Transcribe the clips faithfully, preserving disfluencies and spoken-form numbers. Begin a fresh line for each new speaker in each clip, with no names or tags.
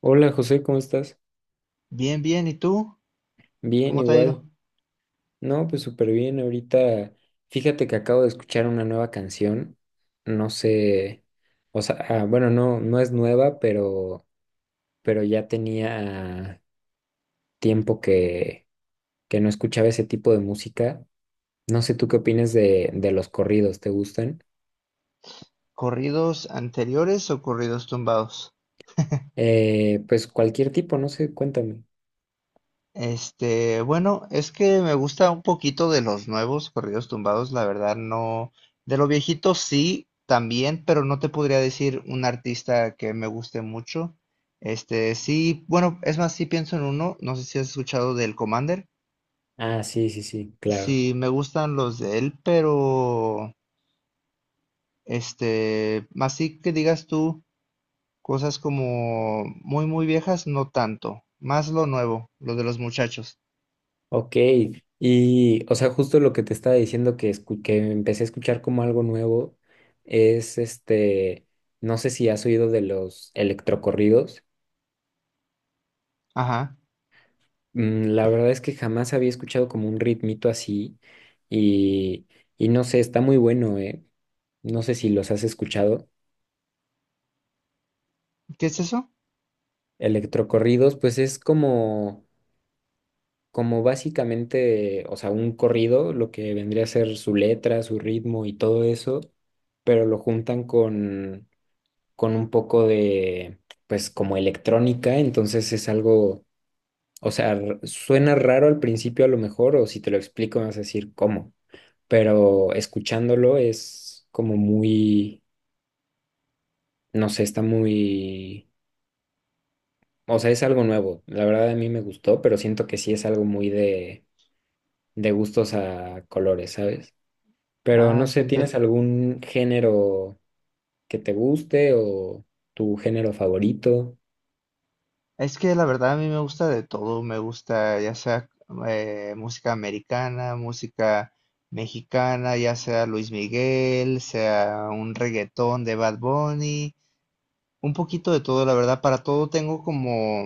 Hola José, ¿cómo estás?
Bien, bien, ¿y tú?
Bien,
¿Cómo te ha ido?
igual. No, pues súper bien. Ahorita, fíjate que acabo de escuchar una nueva canción. No sé, o sea, ah, bueno, no, no es nueva, pero, pero ya tenía tiempo que, que no escuchaba ese tipo de música. No sé, ¿tú qué opinas de, de los corridos? ¿Te gustan?
¿Corridos anteriores o corridos tumbados?
Eh, pues cualquier tipo, no sé, cuéntame.
Este, bueno, es que me gusta un poquito de los nuevos corridos tumbados, la verdad no. De lo viejito sí, también, pero no te podría decir un artista que me guste mucho. Este, sí, bueno, es más, sí pienso en uno, no sé si has escuchado del Commander.
Ah, sí, sí, sí, claro.
Sí, me gustan los de él, pero este, más sí que digas tú. Cosas como muy, muy viejas, no tanto. Más lo nuevo, lo de los muchachos.
Ok, y o sea, justo lo que te estaba diciendo que, escu- que empecé a escuchar como algo nuevo es este, no sé si has oído de los electrocorridos.
Ajá.
Mm, la verdad es que jamás había escuchado como un ritmito así y, y no sé, está muy bueno, ¿eh? No sé si los has escuchado.
¿Qué es eso?
Electrocorridos, pues es como, como básicamente, o sea, un corrido, lo que vendría a ser su letra, su ritmo y todo eso, pero lo juntan con con un poco de, pues como electrónica, entonces es algo, o sea, r- suena raro al principio a lo mejor, o si te lo explico me vas a decir cómo, pero escuchándolo es como muy, no sé, está muy, o sea, es algo nuevo, la verdad a mí me gustó, pero siento que sí es algo muy de, de gustos a colores, ¿sabes? Pero no
Ah, qué
sé, ¿tienes
inter-
algún género que te guste o tu género favorito?
Es que la verdad a mí me gusta de todo. Me gusta ya sea eh, música americana, música mexicana, ya sea Luis Miguel, sea un reggaetón de Bad Bunny. Un poquito de todo, la verdad, para todo tengo como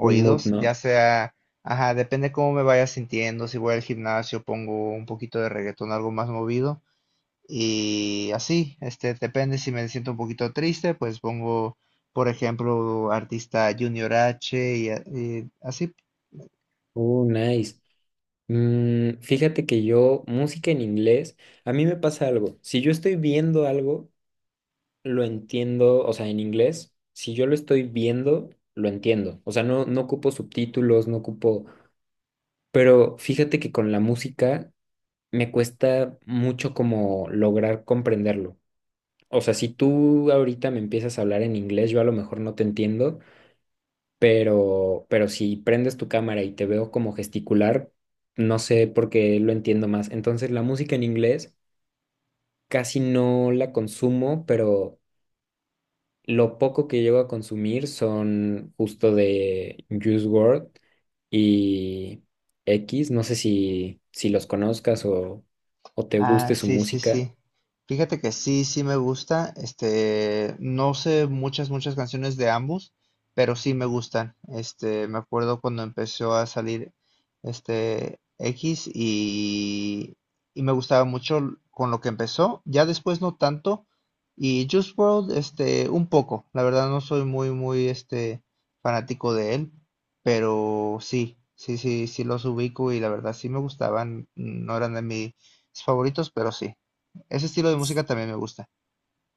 Un mood,
ya
¿no?
sea, ajá, depende cómo me vaya sintiendo. Si voy al gimnasio pongo un poquito de reggaetón, algo más movido, y así, este, depende si me siento un poquito triste, pues pongo, por ejemplo, artista Junior H y, a- y así.
Uh, nice. Mm, fíjate que yo, música en inglés, a mí me pasa algo. Si yo estoy viendo algo, lo entiendo, o sea, en inglés, si yo lo estoy viendo, lo entiendo. O sea, no, no ocupo subtítulos, no ocupo. Pero fíjate que con la música me cuesta mucho como lograr comprenderlo. O sea, si tú ahorita me empiezas a hablar en inglés, yo a lo mejor no te entiendo, pero, pero si prendes tu cámara y te veo como gesticular, no sé por qué lo entiendo más. Entonces, la música en inglés casi no la consumo, pero lo poco que llego a consumir son justo de Juice world y X. No sé si, si los conozcas o, o te guste
Ah,
su
sí, sí,
música.
sí. Fíjate que sí, sí me gusta. Este, no sé muchas, muchas canciones de ambos, pero sí me gustan. Este, me acuerdo cuando empezó a salir este X y, y me gustaba mucho l- con lo que empezó. Ya después no tanto. Y Juice World, este, un poco. La verdad no soy muy, muy, este, fanático de él, pero sí, sí, sí, sí los ubico y la verdad sí me gustaban. No eran de mi mis favoritos, pero sí. Ese estilo de música también me gusta.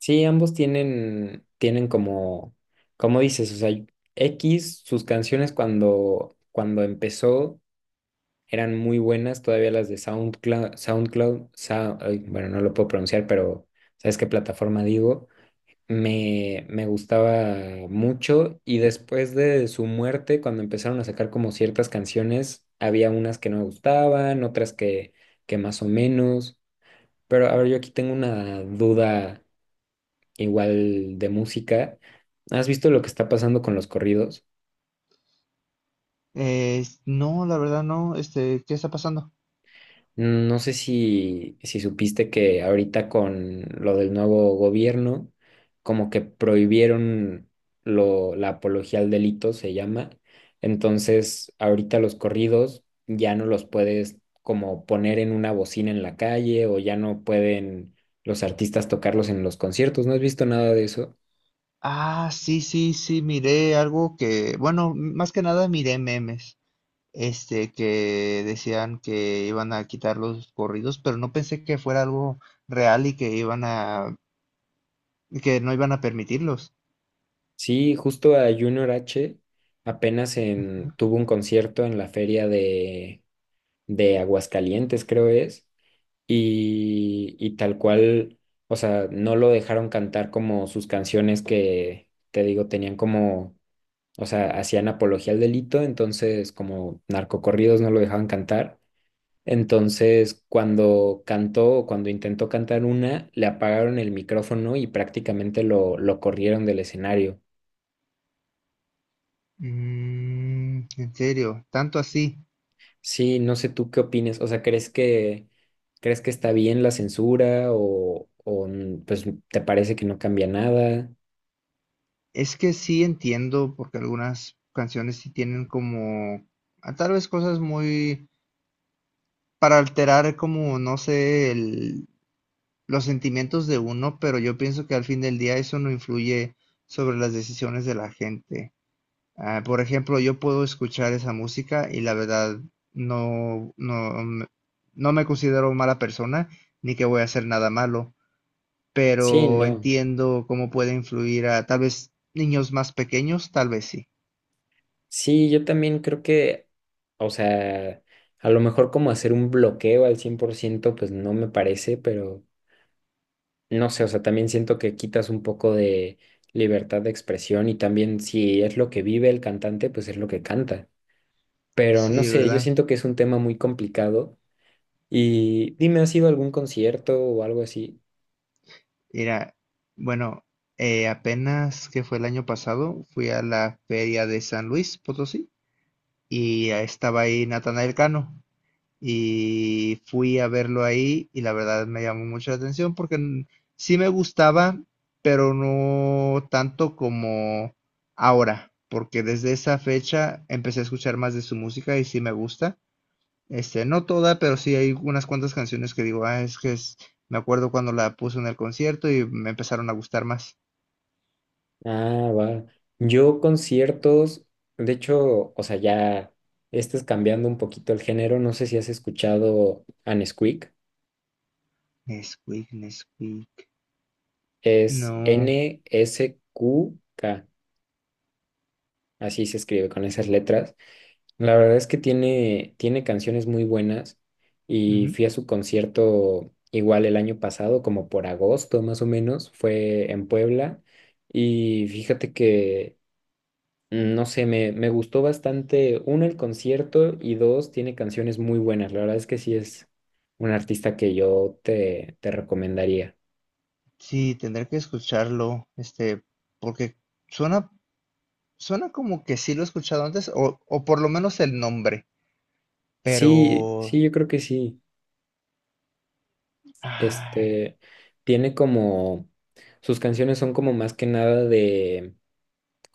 Sí, ambos tienen, tienen como, como dices, o sea, X, sus canciones cuando, cuando empezó. Eran muy buenas todavía las de SoundCloud, SoundCloud, Sou- ay, bueno, no lo puedo pronunciar, pero ¿sabes qué plataforma digo? Me, me gustaba mucho y después de su muerte, cuando empezaron a sacar como ciertas canciones, había unas que no me gustaban, otras que, que más o menos, pero a ver, yo aquí tengo una duda igual de música. ¿Has visto lo que está pasando con los corridos?
Eh, no, la verdad no. Este, ¿qué está pasando?
Mm, No sé si, si supiste que ahorita con lo del nuevo gobierno, como que prohibieron lo, la apología al delito, se llama. Entonces, ahorita los corridos ya no los puedes como poner en una bocina en la calle o ya no pueden los artistas tocarlos en los conciertos. ¿No has visto nada de eso?
Ah, sí, sí, sí, miré algo que, bueno, más que nada miré memes, este, que decían que iban a quitar los corridos, pero no pensé que fuera algo real y que iban a, que no iban a permitirlos.
Sí, justo a Junior H apenas en,
Ujú.
tuvo un concierto en la feria de, de Aguascalientes, creo es y, y tal cual, o sea, no lo dejaron cantar como sus canciones que, te digo, tenían como, o sea, hacían apología al delito, entonces como narcocorridos no lo dejaban cantar. Entonces, cuando cantó, o cuando intentó cantar una, le apagaron el micrófono y prácticamente lo, lo corrieron del escenario.
Mm, ¿en serio, tanto así?
Sí, no sé tú qué opines, o sea, ¿crees que, crees que está bien la censura o, o pues te parece que no cambia nada?
Es que sí entiendo, porque algunas canciones sí tienen como, ah, tal vez cosas muy, para alterar como, no sé, el- los sentimientos de uno, pero yo pienso que al fin del día eso no influye sobre las decisiones de la gente. Ah, por ejemplo, yo puedo escuchar esa música y la verdad no, no, me- no me considero mala persona, ni que voy a hacer nada malo,
Sí,
pero
no.
entiendo cómo puede influir a tal vez niños más pequeños, tal vez sí.
Sí, yo también creo que, o sea, a lo mejor como hacer un bloqueo al cien por ciento, pues no me parece, pero no sé, o sea, también siento que quitas un poco de libertad de expresión y también si es lo que vive el cantante, pues es lo que canta. Pero no
Sí,
sé, yo
¿verdad?
siento que es un tema muy complicado y dime, ¿has ido a algún concierto o algo así?
Mira, bueno, eh, apenas que fue el año pasado, fui a la feria de San Luis Potosí y ahí estaba ahí Natanael Cano y fui a verlo ahí y la verdad me llamó mucho la atención porque n- sí me gustaba, pero no tanto como ahora, porque desde esa fecha empecé a escuchar más de su música y sí me gusta. Este, no toda, pero sí hay unas cuantas canciones que digo, ah, es que es, me acuerdo cuando la puso en el concierto y me empezaron a gustar más.
Ah, va. Yo conciertos, de hecho, o sea, ya estás cambiando un poquito el género. No sé si has escuchado a Nesquik.
Nesquik, Nesquik.
Es
No.
N S Q K. Así se escribe con esas letras. La verdad es que tiene, tiene canciones muy buenas y
Ujú.
fui a su concierto igual el año pasado, como por agosto más o menos. Fue en Puebla y fíjate que, mm, no sé, me, me gustó bastante, uno, el concierto y dos, tiene canciones muy buenas. La verdad es que sí es un artista que yo te, te recomendaría.
Sí, tendré que escucharlo, este, porque suena, suena como que sí lo he escuchado antes, o, o por lo menos el nombre,
Sí,
pero...
sí, yo creo que sí.
Ay.
Este, tiene como, sus canciones son como más que nada de,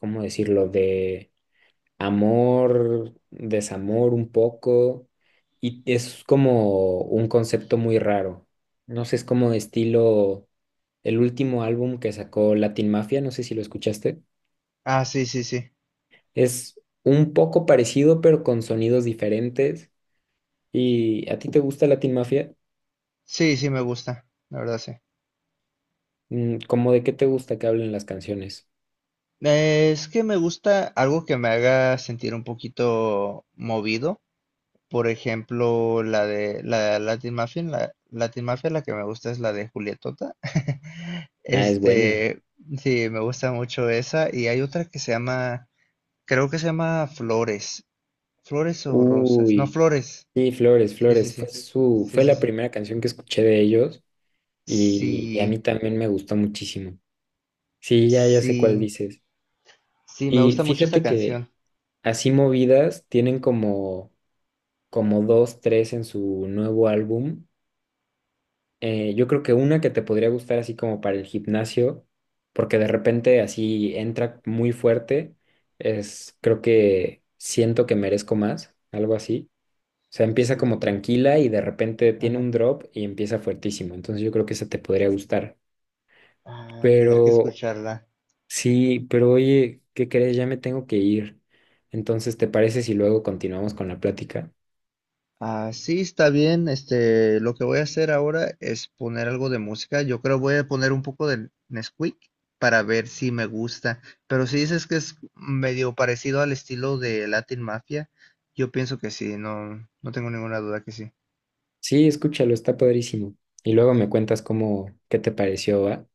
¿cómo decirlo? De amor, desamor un poco, y es como un concepto muy raro. No sé, es como estilo el último álbum que sacó Latin Mafia, no sé si lo escuchaste.
Ah, sí, sí, sí.
Es un poco parecido, pero con sonidos diferentes. ¿Y a ti te gusta Latin Mafia?
Sí, sí, me gusta, la verdad, sí.
Mm, ¿Cómo de qué te gusta que hablen las canciones?
Eh, es que me gusta algo que me haga sentir un poquito movido. Por ejemplo, la de la Latin Mafia, la Latin Mafia, la que me gusta es la de Julietota.
Ah, es buena.
Este, sí, me gusta mucho esa. Y hay otra que se llama, creo que se llama Flores. Flores o Rosas. No,
Uy,
Flores.
sí, Flores,
Sí, sí,
Flores, fue
sí.
su,
Sí,
fue
sí,
la
sí.
primera canción que escuché de ellos y, y a mí
Sí,
también me gustó muchísimo. Sí, ya, ya sé cuál
sí.
dices.
Sí, me
Y
gusta mucho esta
fíjate que
canción.
así movidas tienen como, como dos, tres en su nuevo álbum. Eh, yo creo que una que te podría gustar así como para el gimnasio, porque de repente así entra muy fuerte, es creo que siento que merezco más, algo así. O sea, empieza
Siento
como
que me...
tranquila y de repente tiene
Ajá.
un drop y empieza fuertísimo. Entonces yo creo que esa te podría gustar.
Ah, tendré que
Pero
escucharla.
Sí, pero oye, ¿qué crees? Ya me tengo que ir. Entonces, ¿te parece si luego continuamos con la plática?
Ah, sí, está bien. Este, lo que voy a hacer ahora es poner algo de música. Yo creo voy a poner un poco de Nesquik para ver si me gusta. Pero si dices que es medio parecido al estilo de Latin Mafia, yo pienso que sí, no, no tengo ninguna duda que sí.
Sí, escúchalo, está padrísimo. Y luego me cuentas cómo, qué te pareció, ¿va?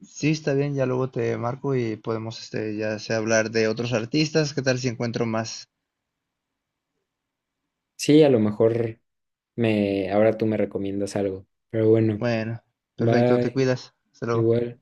Sí, está bien, ya luego te marco y podemos, este, ya sea hablar de otros artistas. ¿Qué tal si encuentro más?
Sí, a lo mejor me, ahora tú me recomiendas algo. Pero bueno,
Bueno, perfecto, te
bye,
cuidas. Hasta luego.
igual.